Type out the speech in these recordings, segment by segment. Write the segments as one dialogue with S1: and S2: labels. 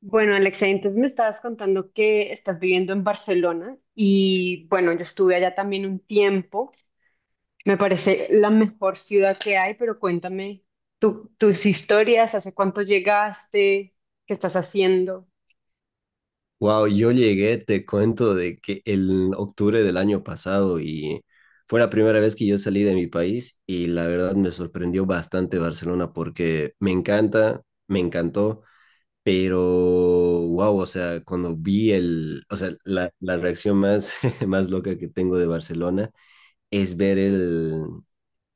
S1: Bueno, Alexa, entonces me estabas contando que estás viviendo en Barcelona y bueno, yo estuve allá también un tiempo. Me parece la mejor ciudad que hay, pero cuéntame tus historias, hace cuánto llegaste, qué estás haciendo.
S2: Wow, yo llegué, te cuento, de que el octubre del año pasado y fue la primera vez que yo salí de mi país y la verdad me sorprendió bastante Barcelona porque me encanta, me encantó, pero wow, o sea, cuando vi o sea, la reacción más, más loca que tengo de Barcelona es ver el,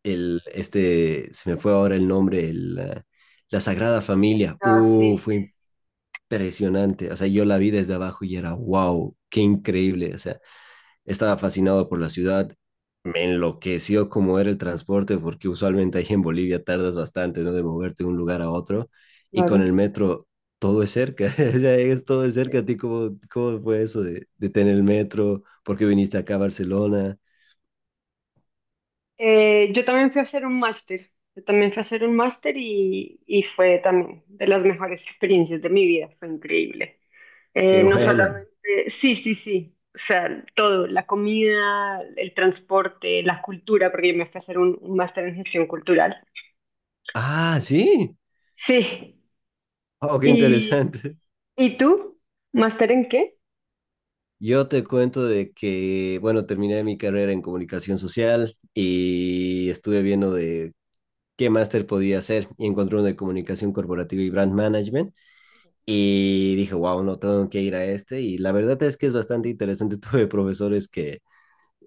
S2: el, este, se me fue ahora el nombre, la Sagrada Familia.
S1: Ah, sí,
S2: Fue impresionante. O sea, yo la vi desde abajo y era, wow, qué increíble. O sea, estaba fascinado por la ciudad. Me enloqueció cómo era el transporte, porque usualmente ahí en Bolivia tardas bastante, ¿no? De moverte de un lugar a otro. Y con
S1: claro.
S2: el metro todo es cerca. O sea, es todo es cerca. ¿A ti cómo fue eso de tener el metro? ¿Por qué viniste acá a Barcelona?
S1: Yo también fui a hacer un máster, yo también fui a hacer un máster y fue también de las mejores experiencias de mi vida, fue increíble.
S2: Qué
S1: No
S2: bueno.
S1: solamente, sí, sí, sí, o sea, todo, la comida, el transporte, la cultura, porque yo me fui a hacer un máster en gestión cultural.
S2: Ah, sí.
S1: Sí,
S2: Oh, qué
S1: ¿y,
S2: interesante.
S1: y tú? ¿Máster en qué?
S2: Yo te cuento de que, bueno, terminé mi carrera en comunicación social y estuve viendo de qué máster podía hacer y encontré uno de comunicación corporativa y brand management y dije, wow, no tengo que ir a este y la verdad es que es bastante interesante. Tuve profesores que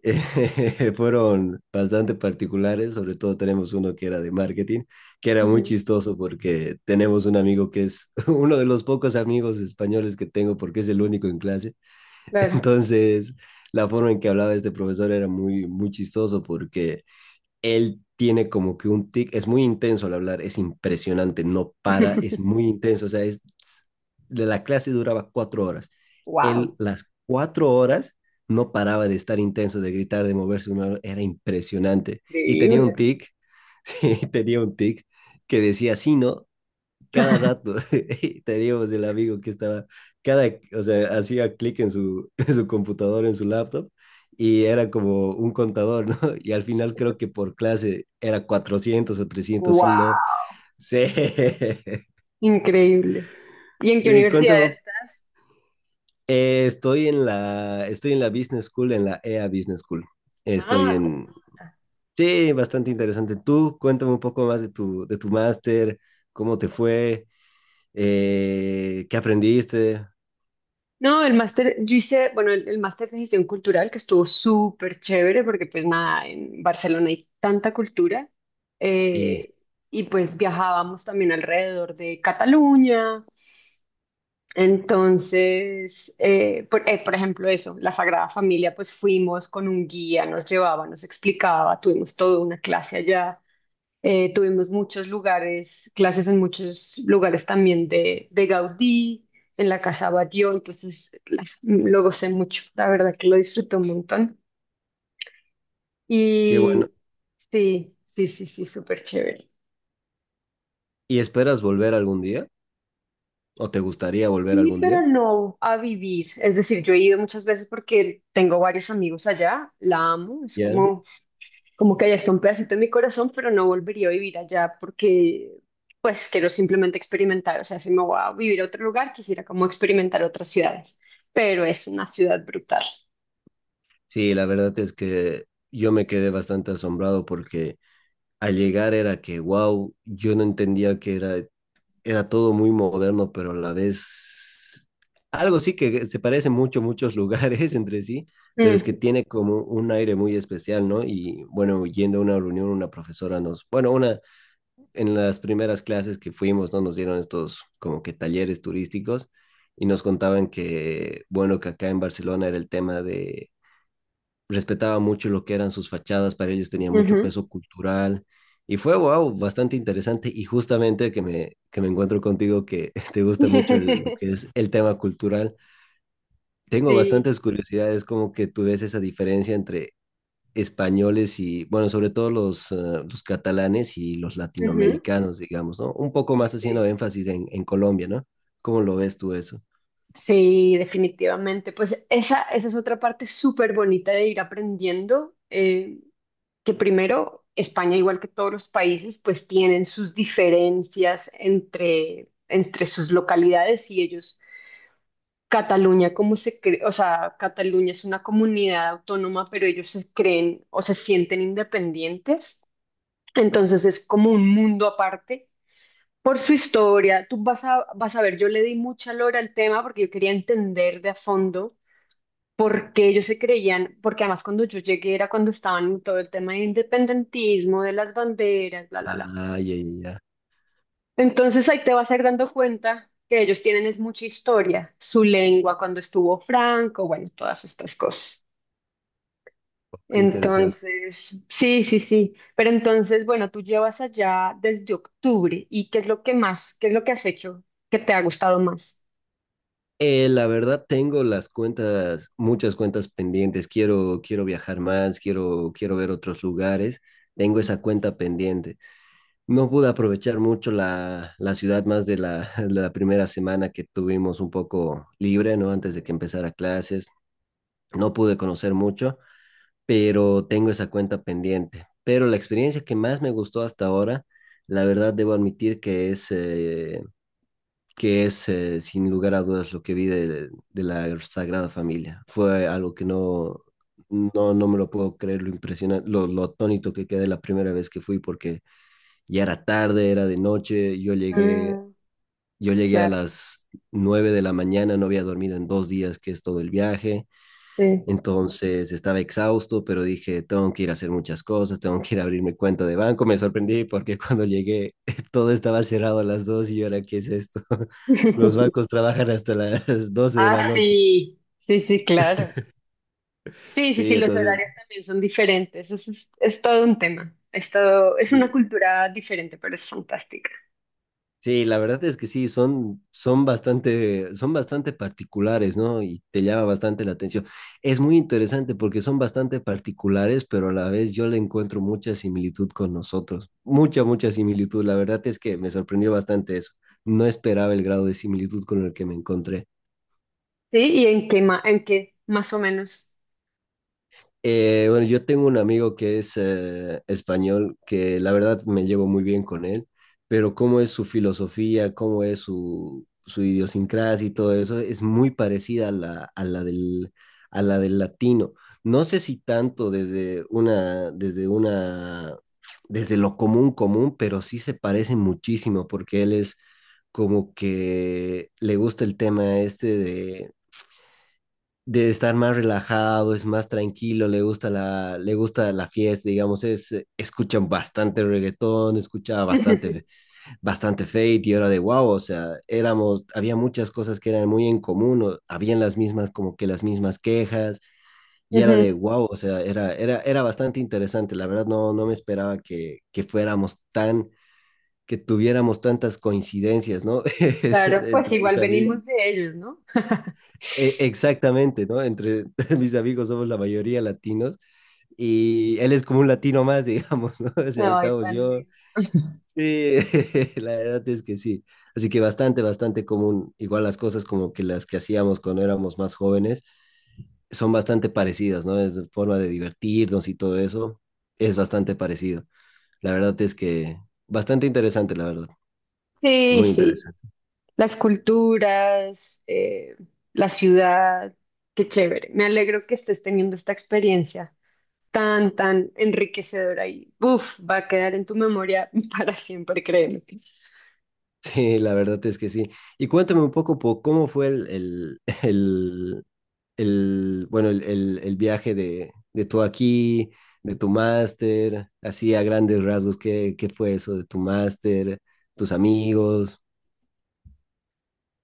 S2: fueron bastante particulares, sobre todo tenemos uno que era de marketing, que era muy
S1: Ujú.
S2: chistoso porque tenemos un amigo que es uno de los pocos amigos españoles que tengo porque es el único en clase,
S1: Claro.
S2: entonces la forma en que hablaba este profesor era muy, muy chistoso porque él tiene como que un tic, es muy intenso al hablar, es impresionante, no para, es muy intenso, o sea, es, de la clase duraba 4 horas. Él
S1: Wow,
S2: las 4 horas no paraba de estar intenso, de gritar, de moverse, una, era impresionante. Y tenía un
S1: increíble.
S2: tic, tenía un tic que decía, sí, no, cada rato. Teníamos el amigo que estaba, cada, o sea, hacía clic en su, en su computadora, en su laptop, y era como un contador, ¿no? Y al final creo que por clase era 400 o 300 sí, ¿no?
S1: Wow,
S2: Sí,
S1: increíble. ¿Y en qué
S2: sí,
S1: universidad
S2: cuéntame.
S1: estás?
S2: Estoy en la Business School, en la EA Business School. Estoy
S1: Ah, tremendo.
S2: en, sí, bastante interesante. Tú, cuéntame un poco más de tu, máster, cómo te fue, qué aprendiste.
S1: No, el máster, yo hice, bueno, el máster de gestión cultural que estuvo súper chévere porque pues nada, en Barcelona hay tanta cultura, eh, y pues viajábamos también alrededor de Cataluña. Entonces, por ejemplo, eso, la Sagrada Familia, pues fuimos con un guía, nos llevaba, nos explicaba, tuvimos toda una clase allá. Tuvimos muchos lugares, clases en muchos lugares también de Gaudí, en la Casa Batlló, entonces lo gocé mucho, la verdad que lo disfruté un montón.
S2: Qué bueno.
S1: Y sí, sí, sí, sí, súper chévere.
S2: ¿Y esperas volver algún día? ¿O te gustaría volver
S1: Sí,
S2: algún
S1: pero
S2: día?
S1: no a vivir, es decir, yo he ido muchas veces porque tengo varios amigos allá, la amo, es
S2: Ya.
S1: como como que allá está un pedacito de mi corazón, pero no volvería a vivir allá porque pues quiero simplemente experimentar, o sea, si me voy a vivir a otro lugar, quisiera como experimentar otras ciudades, pero es una ciudad brutal.
S2: Sí, la verdad es que yo me quedé bastante asombrado porque al llegar era que, wow, yo no entendía que era, era todo muy moderno, pero a la vez algo sí que se parece mucho, muchos lugares entre sí, pero es que
S1: Mm,
S2: tiene como un aire muy especial, ¿no? Y bueno, yendo a una reunión, una profesora nos, bueno, una en las primeras clases que fuimos, ¿no? Nos dieron estos como que talleres turísticos y nos contaban que, bueno, que acá en Barcelona era el tema de, respetaba mucho lo que eran sus fachadas, para ellos tenía mucho
S1: ujú.
S2: peso cultural. Y fue, wow, bastante interesante y justamente que me encuentro contigo que te gusta mucho el, lo que es el tema cultural. Tengo
S1: Sí,
S2: bastantes curiosidades, como que tú ves esa diferencia entre españoles y, bueno, sobre todo los catalanes y los
S1: ujú.
S2: latinoamericanos, digamos, ¿no? Un poco
S1: Uy,
S2: más haciendo
S1: sí.
S2: énfasis en Colombia, ¿no? ¿Cómo lo ves tú eso?
S1: Sí, definitivamente. Pues esa es otra parte súper bonita de ir aprendiendo. Que primero España, igual que todos los países, pues tienen sus diferencias entre, entre sus localidades y ellos, Cataluña como se cree, o sea, Cataluña es una comunidad autónoma, pero ellos se creen o se sienten independientes, entonces es como un mundo aparte. Por su historia, tú vas a, vas a ver, yo le di mucha lora al tema porque yo quería entender de a fondo porque ellos se creían, porque además cuando yo llegué era cuando estaban en todo el tema de independentismo, de las banderas, bla, bla, bla.
S2: Ah, ya, ya, ya.
S1: Entonces ahí te vas a ir dando cuenta que ellos tienen es mucha historia, su lengua cuando estuvo Franco, bueno, todas estas cosas.
S2: Qué interesante.
S1: Entonces, sí, sí, sí. Pero entonces, bueno, tú llevas allá desde octubre y ¿qué es lo que más, qué es lo que has hecho que te ha gustado más?
S2: La verdad tengo muchas cuentas pendientes. Quiero, quiero viajar más, quiero, quiero ver otros lugares. Tengo esa cuenta pendiente. No pude aprovechar mucho la, la ciudad más de la, la primera semana que tuvimos un poco libre, ¿no? Antes de que empezara clases. No pude conocer mucho, pero tengo esa cuenta pendiente. Pero la experiencia que más me gustó hasta ahora, la verdad debo admitir que es sin lugar a dudas lo que vi de la Sagrada Familia. Fue algo que no, no, no me lo puedo creer, lo impresionante, lo atónito que quedé la primera vez que fui, porque ya era tarde, era de noche, yo llegué,
S1: Mm,
S2: yo llegué a
S1: claro.
S2: las 9 de la mañana, no había dormido en 2 días, que es todo el viaje,
S1: Sí.
S2: entonces estaba exhausto, pero dije, tengo que ir a hacer muchas cosas, tengo que ir a abrir mi cuenta de banco. Me sorprendí porque cuando llegué todo estaba cerrado a las 2 y yo era, ¿qué es esto? Los bancos trabajan hasta las 12 de
S1: Ah,
S2: la noche.
S1: sí, sí, sí, claro. Sí, sí, sí,
S2: Sí,
S1: los
S2: entonces,
S1: horarios también son diferentes. Eso es todo un tema. Es una
S2: sí,
S1: cultura diferente, pero es fantástica.
S2: sí, la verdad es que sí, son, son bastante particulares, ¿no? Y te llama bastante la atención. Es muy interesante porque son bastante particulares, pero a la vez yo le encuentro mucha similitud con nosotros. Mucha, mucha similitud. La verdad es que me sorprendió bastante eso. No esperaba el grado de similitud con el que me encontré.
S1: Sí, ¿y en qué, en qué más o menos?
S2: Bueno, yo tengo un amigo que es español, que la verdad me llevo muy bien con él, pero cómo es su filosofía, cómo es su idiosincrasia y todo eso, es muy parecida a la del latino. No sé si tanto desde lo común común, pero sí se parece muchísimo porque él es como que le gusta el tema este de estar más relajado, es más tranquilo, le gusta la fiesta, digamos, es, escuchan bastante reggaetón, escuchaba bastante, bastante Fate y era de wow, o sea, había muchas cosas que eran muy en común, o habían las mismas, como que las mismas quejas, y era
S1: Ujú.
S2: de wow, o sea, era bastante interesante, la verdad no, no me esperaba que fuéramos que tuviéramos tantas coincidencias, ¿no?
S1: Claro, pues
S2: Entre mis
S1: igual
S2: amigos.
S1: venimos de ellos, ¿no?
S2: Exactamente, ¿no? Entre mis amigos somos la mayoría latinos y él es como un latino más, digamos, ¿no? O sea,
S1: Ay,
S2: estamos
S1: tan
S2: yo.
S1: lindo.
S2: Sí, la verdad es que sí. Así que bastante, bastante común. Igual las cosas como que las que hacíamos cuando éramos más jóvenes son bastante parecidas, ¿no? Es forma de divertirnos y todo eso es bastante parecido. La verdad es que bastante interesante, la verdad.
S1: Sí,
S2: Muy
S1: sí,
S2: interesante.
S1: las culturas, la ciudad, qué chévere. Me alegro que estés teniendo esta experiencia tan, tan enriquecedora y, uf, va a quedar en tu memoria para siempre, créeme.
S2: Sí, la verdad es que sí. Y cuéntame un poco cómo fue el, bueno, el viaje de, tú aquí, de tu máster, así a grandes rasgos, ¿qué fue eso de tu máster, tus amigos?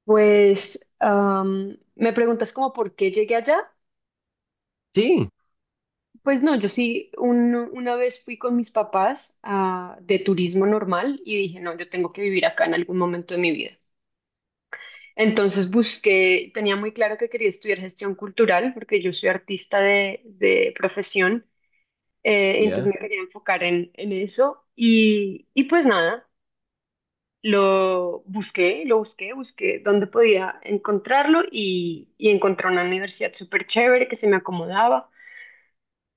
S1: Pues me preguntas como por qué llegué allá.
S2: Sí,
S1: Pues no, yo sí, una vez fui con mis papás de turismo normal y dije, no, yo tengo que vivir acá en algún momento de mi vida. Entonces busqué, tenía muy claro que quería estudiar gestión cultural porque yo soy artista de profesión,
S2: ya,
S1: entonces me quería enfocar en eso y pues nada. Lo busqué, busqué dónde podía encontrarlo y encontré una universidad súper chévere que se me acomodaba.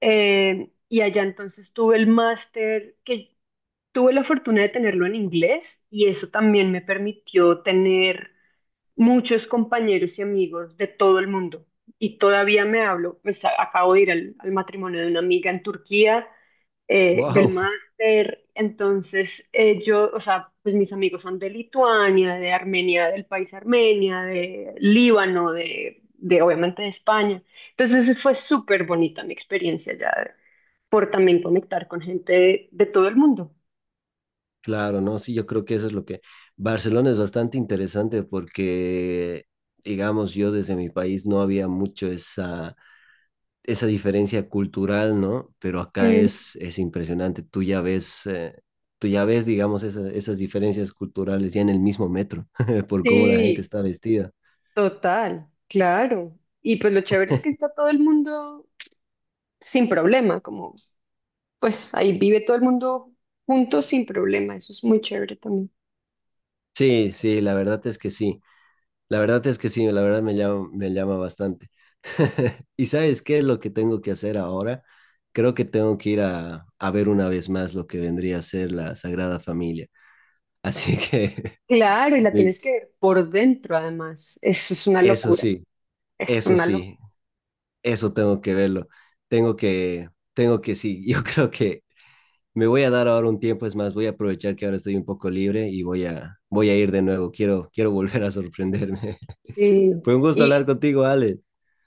S1: Y allá entonces tuve el máster, que tuve la fortuna de tenerlo en inglés y eso también me permitió tener muchos compañeros y amigos de todo el mundo. Y todavía me hablo, pues acabo de ir al, al matrimonio de una amiga en Turquía, del
S2: Wow,
S1: máster. Entonces, yo, o sea, pues mis amigos son de Lituania, de Armenia, del país Armenia, de Líbano, de obviamente de España. Entonces, fue súper bonita mi experiencia ya por también conectar con gente de todo el mundo.
S2: claro, ¿no? Sí, yo creo que eso es lo que... Barcelona es bastante interesante porque, digamos, yo desde mi país no había mucho esa diferencia cultural, ¿no? Pero acá
S1: Mm.
S2: es impresionante. Tú ya ves, digamos, esas diferencias culturales ya en el mismo metro, por cómo la gente
S1: Sí.
S2: está vestida.
S1: Total, claro. Y pues lo chévere es que está todo el mundo sin problema, como pues ahí vive todo el mundo juntos sin problema, eso es muy chévere también.
S2: Sí, sí, la verdad es que sí. La verdad es que sí, la verdad me llama bastante. ¿Y sabes qué es lo que tengo que hacer ahora? Creo que tengo que ir a ver una vez más lo que vendría a ser la Sagrada Familia. Así que,
S1: Claro, y la tienes que ver por dentro además, eso es una
S2: eso
S1: locura,
S2: sí,
S1: es
S2: eso
S1: una locura.
S2: sí. Eso tengo que verlo. Tengo que, tengo que sí. Yo creo que me voy a dar ahora un tiempo, es más, voy a aprovechar que ahora estoy un poco libre y voy a, voy a ir de nuevo. Quiero, quiero volver a sorprenderme.
S1: Sí.
S2: Fue un gusto hablar
S1: Y
S2: contigo, Ale.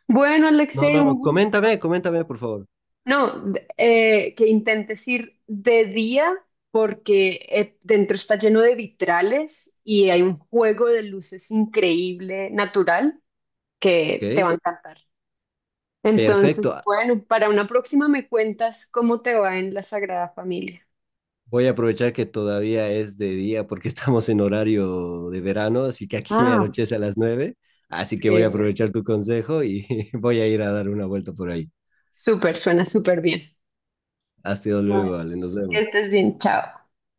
S1: bueno,
S2: No,
S1: Alexei,
S2: no,
S1: un
S2: coméntame,
S1: gusto.
S2: coméntame, por favor.
S1: No, que intentes ir de día porque dentro está lleno de vitrales y hay un juego de luces increíble, natural, que te
S2: Ok,
S1: va a encantar. Entonces,
S2: perfecto. Ah,
S1: bueno, para una próxima me cuentas cómo te va en la Sagrada Familia.
S2: voy a aprovechar que todavía es de día porque estamos en horario de verano, así que aquí
S1: Ah,
S2: anochece a las 9. Así que voy a
S1: genial.
S2: aprovechar tu consejo y voy a ir a dar una vuelta por ahí.
S1: Súper, suena súper bien.
S2: Hasta
S1: Bueno,
S2: luego, Ale. Nos
S1: que
S2: vemos.
S1: estés bien, chao.